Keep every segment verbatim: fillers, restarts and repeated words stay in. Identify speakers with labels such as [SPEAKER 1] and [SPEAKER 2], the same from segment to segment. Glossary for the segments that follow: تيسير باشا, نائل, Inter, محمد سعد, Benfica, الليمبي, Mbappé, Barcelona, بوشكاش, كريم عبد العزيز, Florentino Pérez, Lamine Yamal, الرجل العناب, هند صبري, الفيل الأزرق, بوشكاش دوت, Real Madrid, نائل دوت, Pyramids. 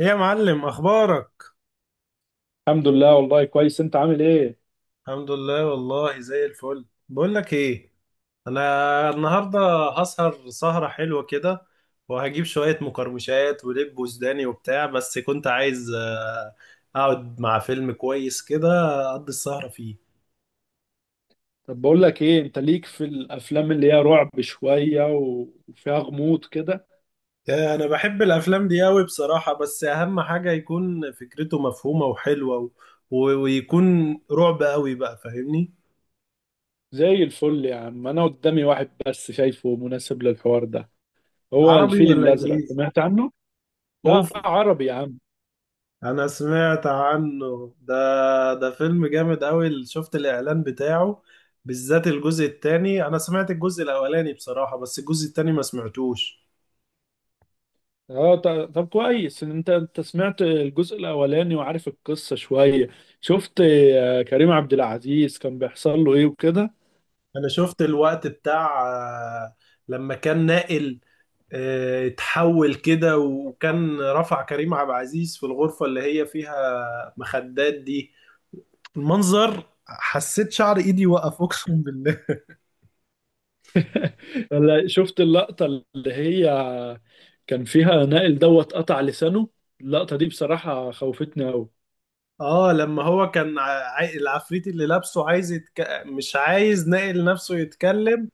[SPEAKER 1] ايه يا معلم، اخبارك؟
[SPEAKER 2] الحمد لله، والله كويس. انت عامل ايه؟
[SPEAKER 1] الحمد لله والله زي الفل. بقول لك ايه، انا النهارده هسهر سهره حلوه كده، وهجيب شويه مقرمشات ولب وسوداني وبتاع. بس كنت عايز آه، اقعد مع فيلم كويس كده، اقضي السهره فيه.
[SPEAKER 2] طب بقول لك ايه، انت ليك في الافلام اللي هي رعب شوية و- وفيها غموض كده؟
[SPEAKER 1] آه، انا بحب الافلام دي قوي بصراحه، بس اهم حاجه يكون فكرته مفهومه وحلوه و... و- ويكون رعب قوي بقى، فاهمني؟
[SPEAKER 2] زي الفل يا عم، انا قدامي واحد بس شايفه مناسب للحوار ده. هو
[SPEAKER 1] عربي
[SPEAKER 2] الفيل
[SPEAKER 1] ولا
[SPEAKER 2] الازرق،
[SPEAKER 1] انجليزي؟
[SPEAKER 2] سمعت عنه؟ لا
[SPEAKER 1] اوف.
[SPEAKER 2] عربي يا عم.
[SPEAKER 1] انا سمعت عنه ده، ده فيلم جامد قوي، شفت الاعلان بتاعه. بالذات الجزء الثاني، انا سمعت الجزء الاولاني بصراحة، بس الجزء الثاني ما سمعتوش.
[SPEAKER 2] اه، ط- طب كويس ان انت انت سمعت الجزء الاولاني وعارف القصة شوية. شفت آه، كريم عبد العزيز كان بيحصل له ايه وكده؟
[SPEAKER 1] انا شفت الوقت بتاع آه، لما كان ناقل آه، اتحول كده، وكان رفع كريم عبد العزيز في الغرفة اللي هي فيها مخدات دي. المنظر حسيت شعر ايدي وقف، اقسم بالله.
[SPEAKER 2] ولا شفت اللقطة اللي هي كان فيها نائل دوت قطع لسانه؟ اللقطة دي بصراحة خوفتني أوي.
[SPEAKER 1] اه لما هو كان عاي... العفريت اللي لابسه عايز يتك... مش عايز ناقل نفسه يتكلم،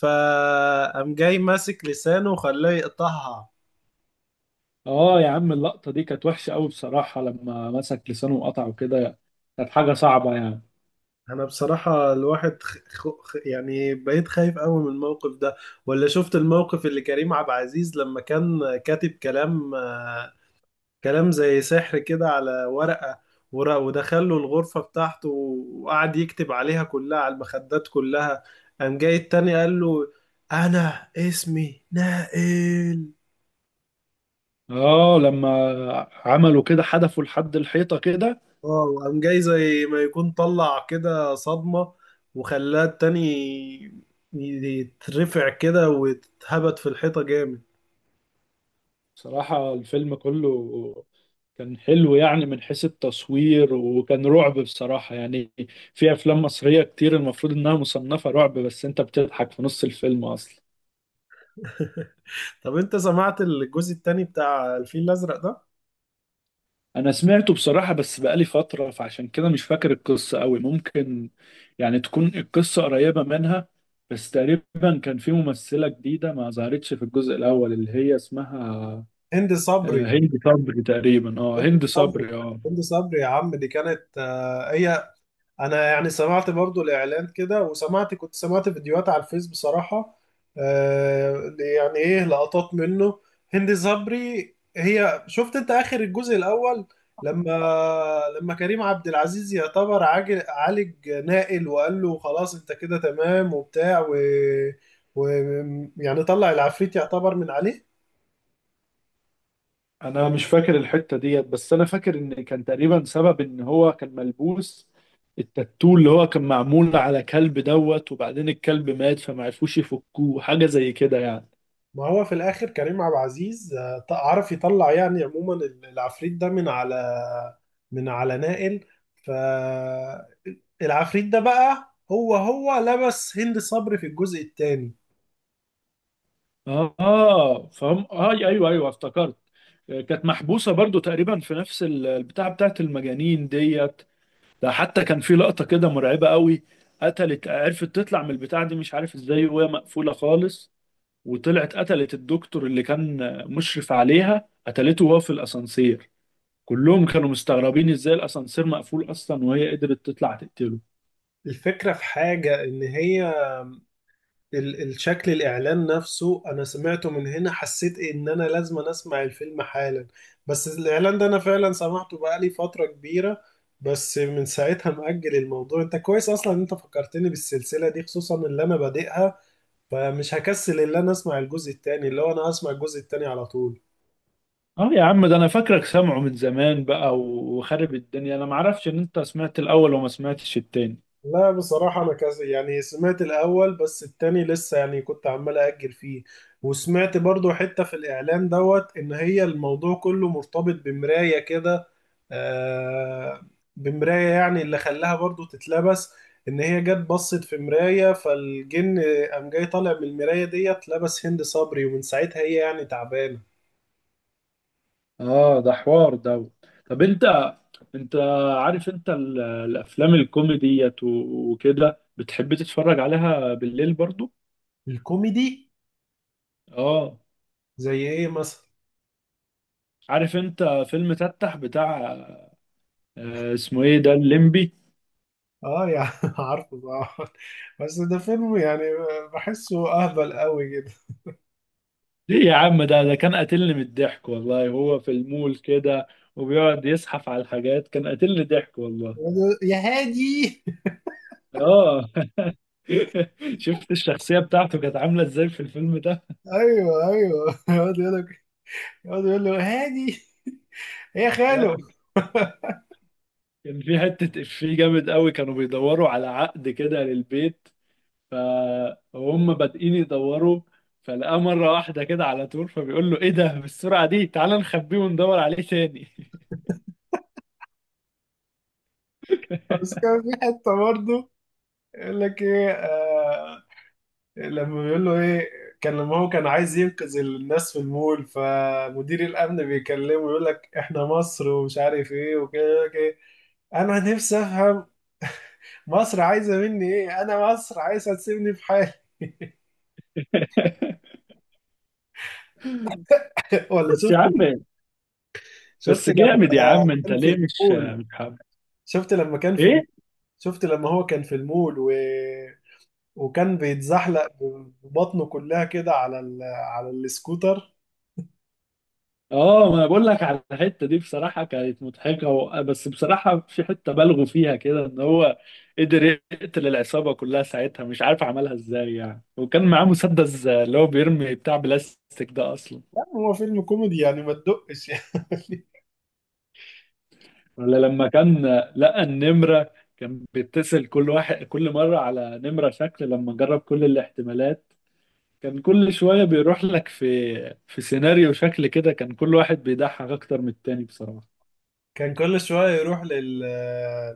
[SPEAKER 1] فقام جاي ماسك لسانه وخلاه يقطعها.
[SPEAKER 2] اه يا عم، اللقطة دي كانت وحشة أوي بصراحة، لما مسك لسانه وقطعه كده كانت حاجة صعبة يعني.
[SPEAKER 1] انا بصراحة الواحد خ... خ... خ- يعني بقيت خايف قوي من الموقف ده. ولا شفت الموقف اللي كريم عبد العزيز لما كان كاتب كلام آه، كلام زي سحر كده على ورقة، ورق، ودخل له الغرفة بتاعته وقعد يكتب عليها كلها، على المخدات كلها. قام جاي التاني قال له: أنا اسمي نائل.
[SPEAKER 2] اه لما عملوا كده حدفوا لحد الحيطة كده.
[SPEAKER 1] اه وقام جاي زي ما يكون طلع كده صدمة، وخلاه التاني يترفع كده ويتهبط في الحيطة جامد.
[SPEAKER 2] بصراحة الفيلم كله كان حلو، يعني من حيث التصوير، وكان رعب بصراحة يعني. في أفلام مصرية كتير المفروض إنها مصنفة رعب، بس أنت بتضحك في نص الفيلم أصلا.
[SPEAKER 1] طب انت سمعت الجزء التاني بتاع الفيل الأزرق ده؟
[SPEAKER 2] انا سمعته بصراحة، بس بقالي فترة فعشان كده مش فاكر القصة قوي. ممكن يعني تكون القصة قريبة منها، بس تقريبا كان في ممثلة جديدة ما ظهرتش في الجزء الاول اللي هي اسمها
[SPEAKER 1] هند صبري.
[SPEAKER 2] آه، هند صبري تقريبا. اه
[SPEAKER 1] هند
[SPEAKER 2] هند
[SPEAKER 1] صبري،
[SPEAKER 2] صبري، اه.
[SPEAKER 1] هند صبري يا عم، دي كانت آه، هي. انا يعني سمعت برضو الاعلان كده، وسمعت كنت سمعت فيديوهات على الفيس بصراحة. آه يعني ايه، لقطات منه. هند صبري، هي شفت انت اخر الجزء الاول، لما لما كريم عبد العزيز يعتبر عاج- عالج نائل، وقال له خلاص انت كده تمام وبتاع و, و يعني طلع العفريت، يعتبر من عليه.
[SPEAKER 2] انا مش فاكر الحتة ديت، بس انا فاكر ان كان تقريبا سبب ان هو كان ملبوس التاتو اللي هو كان معمول على كلب دوت، وبعدين الكلب مات فما عرفوش يفكوه، حاجة زي كده يعني.
[SPEAKER 1] ما هو في الاخر كريم عبد العزيز آه، عرف يطلع، يعني عموما ال- العفريت ده من على من على نائل. فالعفريت ده بقى، هو هو لبس هند صبري في الجزء الثاني.
[SPEAKER 2] اه فهم، اه ايوه ايوه افتكرت. آه، كانت محبوسه برضو تقريبا في نفس ال- البتاعه بتاعت المجانين ديت. ده حتى كان في لقطه كده مرعبه قوي، قتلت عرفت تطلع من البتاعه دي مش عارف ازاي، وهي مقفوله خالص، وطلعت قتلت الدكتور اللي كان آه، مشرف عليها، قتلته وهو في الاسانسير. كلهم كانوا مستغربين ازاي الاسانسير مقفول اصلا وهي قدرت تطلع تقتله.
[SPEAKER 1] الفكرة في حاجة، إن هي ال- الشكل الاعلان نفسه انا سمعته من هنا، حسيت ان انا لازم اسمع الفيلم حالا. بس الاعلان ده انا فعلا سمعته بقالي فترة كبيرة، بس من ساعتها مأجل الموضوع. انت كويس اصلا ان انت فكرتني بالسلسلة دي، خصوصا اللي انا بادئها. فمش هكسل ان انا اسمع الجزء التاني، اللي هو انا هسمع الجزء التاني على طول.
[SPEAKER 2] اه يا عم، ده انا فاكرك سامعه من زمان بقى وخارب الدنيا، انا معرفش ان انت سمعت الاول وما سمعتش التاني.
[SPEAKER 1] لا بصراحة، أنا كذا يعني سمعت الأول، بس التاني لسه يعني كنت عمال أأجل فيه. وسمعت برضو حتة في الإعلان دوت، إن هي الموضوع كله مرتبط بمراية كده. آه، بمراية، يعني اللي خلاها برضو تتلبس، إن هي جت بصت في مراية، فالجن قام جاي طالع من المراية ديت، لبس هند صبري، ومن ساعتها هي يعني تعبانة.
[SPEAKER 2] اه ده حوار ده. طب انت، انت عارف انت ال- الافلام الكوميديت و- وكده بتحب تتفرج عليها بالليل برضو؟
[SPEAKER 1] الكوميدي.
[SPEAKER 2] اه،
[SPEAKER 1] زي إيه مثلا؟
[SPEAKER 2] عارف انت فيلم تتح بتاع آه، اسمه ايه ده، الليمبي؟
[SPEAKER 1] آه يعني عارفه طبعا، بس ده فيلم يعني بحسه اهبل قوي.
[SPEAKER 2] ليه يا عم، ده ده كان قاتلني من الضحك والله. هو في المول كده وبيقعد يزحف على الحاجات، كان قاتلني ضحك والله.
[SPEAKER 1] يا هادي.
[SPEAKER 2] اه شفت الشخصية بتاعته كانت عاملة ازاي في الفيلم؟
[SPEAKER 1] ايوه ايوه، يقعد يقول لك يقعد يقول له: هادي يا
[SPEAKER 2] ده
[SPEAKER 1] خاله.
[SPEAKER 2] كان في حتة إفيه جامد قوي، كانوا بيدوروا على عقد كده للبيت، فهم بادئين يدوروا فلقاه مرة واحدة كده على طول، فبيقول له إيه ده بالسرعة دي، تعال نخبيه وندور عليه تاني.
[SPEAKER 1] بس كان في حته برضه يقول لك ايه، آه لما بيقول له ايه، كان لما هو كان عايز ينقذ الناس في المول، فمدير الامن بيكلمه يقول لك احنا مصر ومش عارف ايه وكده، يقول لك إيه: انا نفسي افهم مصر عايزه مني ايه، انا مصر عايزه تسيبني في حالي. ولا
[SPEAKER 2] بس يا
[SPEAKER 1] شفت،
[SPEAKER 2] عم،
[SPEAKER 1] شفت
[SPEAKER 2] بس
[SPEAKER 1] لما
[SPEAKER 2] جامد يا عم، أنت
[SPEAKER 1] كان في
[SPEAKER 2] ليه مش
[SPEAKER 1] المول
[SPEAKER 2] مش حابب؟
[SPEAKER 1] شفت لما كان في
[SPEAKER 2] إيه؟
[SPEAKER 1] شفت لما هو كان في المول و... وكان بيتزحلق ببطنه كلها كده على ال... على السكوتر.
[SPEAKER 2] اه، ما انا بقول لك على الحته دي، بصراحه كانت مضحكه و... بس بصراحه في حته بالغوا فيها كده، ان هو قدر يقتل العصابه كلها ساعتها، مش عارف عملها ازاي يعني، وكان معاه مسدس اللي هو بيرمي بتاع بلاستيك ده اصلا.
[SPEAKER 1] لا هو فيلم كوميدي يعني، ما تدقش يعني.
[SPEAKER 2] ولا لما كان لقى النمره كان بيتصل كل واحد كل مره على نمره شكل، لما جرب كل الاحتمالات كان كل شويه بيروح لك في في سيناريو شكل كده، كان كل واحد بيضحك اكتر من التاني بصراحه.
[SPEAKER 1] كان كل شوية يروح لل...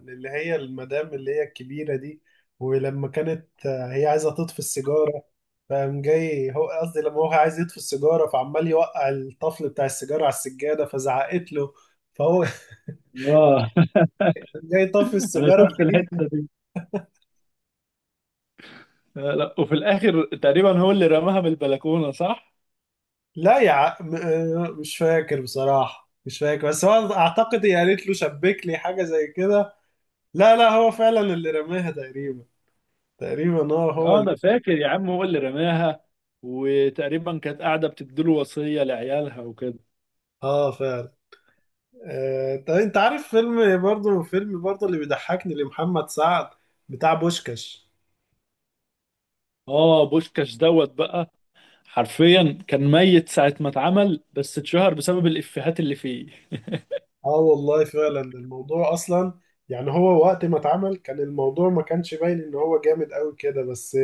[SPEAKER 1] للي هي المدام اللي هي الكبيرة دي. ولما كانت هي عايزة تطفي السيجارة، فقام جاي هو قصدي لما هو عايز يطفي السيجارة، فعمال يوقع الطفل بتاع السيجارة على السجادة، فزعقت له، فهو
[SPEAKER 2] اه
[SPEAKER 1] جاي يطفي
[SPEAKER 2] انا
[SPEAKER 1] السيجارة
[SPEAKER 2] شفت
[SPEAKER 1] في.
[SPEAKER 2] الحته دي. لا لا، وفي الاخر تقريبا هو اللي رماها من البلكونه، صح؟
[SPEAKER 1] لا يا ع... م- آه، مش فاكر بصراحة، مش فاكر، بس هو اعتقد هي قالت له شبك لي حاجة زي كده. لا لا، هو فعلا اللي رماها تقريبا، تقريبا هو هو
[SPEAKER 2] اه
[SPEAKER 1] اللي.
[SPEAKER 2] انا فاكر يا عم، هو اللي رماها، وتقريبا كانت قاعده بتديله وصيه لعيالها وكده.
[SPEAKER 1] اه فعلا. آه... طب انت عارف فيلم برضه، فيلم برضه اللي بيضحكني لمحمد سعد، بتاع بوشكاش.
[SPEAKER 2] اه، بوشكاش دوت بقى حرفيا كان ميت ساعه ما اتعمل، بس اتشهر بسبب الافيهات اللي فيه.
[SPEAKER 1] اه والله فعلا. الموضوع اصلا يعني، هو وقت ما اتعمل كان الموضوع ما كانش باين ان هو جامد قوي كده، بس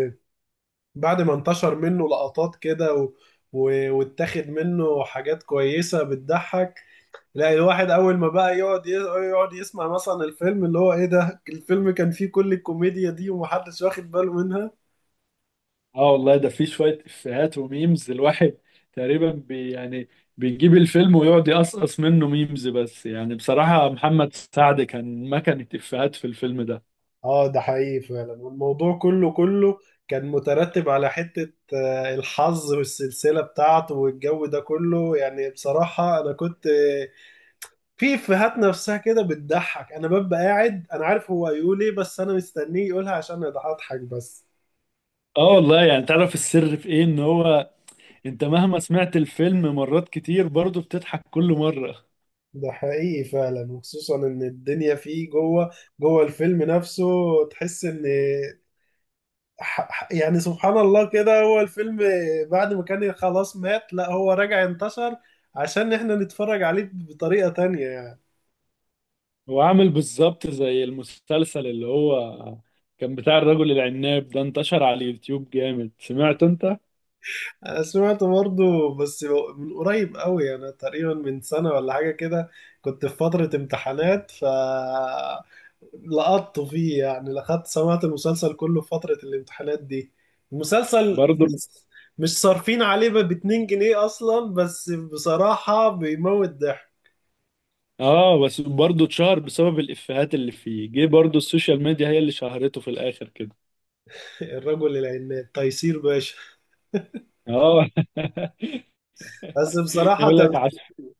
[SPEAKER 1] بعد ما انتشر منه لقطات كده و... و... واتاخد منه حاجات كويسة بتضحك. لا، الواحد أول ما بقى يقعد ي... يقعد يسمع مثلا الفيلم اللي هو إيه ده، الفيلم كان فيه كل الكوميديا دي ومحدش واخد باله منها.
[SPEAKER 2] اه والله، ده فيه شويه افيهات وميمز، الواحد تقريبا بي يعني بيجيب الفيلم ويقعد يقصقص منه ميمز بس، يعني بصراحه محمد سعد كان مكنه افيهات في الفيلم ده.
[SPEAKER 1] اه ده حقيقي فعلا. والموضوع كله كله كان مترتب على حتة آه، الحظ والسلسلة بتاعته والجو ده كله يعني. بصراحة أنا كنت في افيهات نفسها كده بتضحك، انا ببقى قاعد انا عارف هو هيقول ايه، بس انا مستنيه يقولها عشان اضحك بس.
[SPEAKER 2] اه والله، يعني تعرف السر في ايه، ان هو انت مهما سمعت الفيلم مرات كتير برضه بتضحك كل مرة.
[SPEAKER 1] ده حقيقي فعلا، وخصوصا ان الدنيا فيه جوه جوه الفيلم نفسه، تحس ان ح- ح- يعني سبحان الله كده. هو الفيلم بعد ما كان خلاص مات، لا هو رجع انتشر عشان احنا نتفرج عليه بطريقة تانية يعني.
[SPEAKER 2] هو عامل بالظبط زي المسلسل اللي هو كان بتاع الرجل العناب ده، انتشر على اليوتيوب جامد، سمعت انت؟
[SPEAKER 1] أنا سمعت برضه، بس من قريب قوي. أنا تقريبا من سنة ولا حاجة كده، كنت في فترة امتحانات، ف لقطت فيه يعني، لقطت سمعت المسلسل كله في فترة الامتحانات دي. المسلسل
[SPEAKER 2] برضه.
[SPEAKER 1] بص، مش صارفين عليه ب اتنين جنيه أصلا، بس بصراحة بيموت ضحك.
[SPEAKER 2] اه بس برضه اتشهر بسبب الافيهات اللي فيه، جه برضه السوشيال ميديا هي اللي شهرته في الاخر كده.
[SPEAKER 1] الرجل العناد تيسير باشا.
[SPEAKER 2] اه
[SPEAKER 1] بس بصراحة
[SPEAKER 2] يقول لك،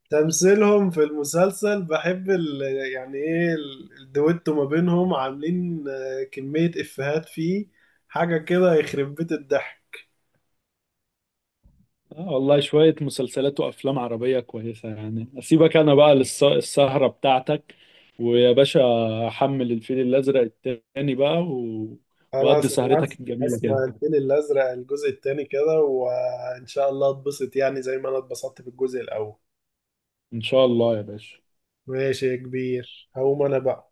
[SPEAKER 1] تمثيلهم في المسلسل، بحب ال... يعني ايه ال- الدويتو ما بينهم، عاملين آه، كمية إفيهات فيه، حاجة كده يخرب بيت الضحك.
[SPEAKER 2] آه والله شوية مسلسلات وأفلام عربية كويسة يعني. أسيبك أنا بقى للسهرة بتاعتك، ويا باشا أحمل الفيل الأزرق التاني بقى، و... وأدي
[SPEAKER 1] خلاص، أنا هس-
[SPEAKER 2] سهرتك الجميلة كده.
[SPEAKER 1] هسمع الفيل الأزرق الجزء التاني كده، وإن شاء الله اتبسط يعني زي ما أنا اتبسطت في الجزء الأول.
[SPEAKER 2] إن شاء الله يا باشا.
[SPEAKER 1] ماشي يا كبير، هقوم أنا بقى.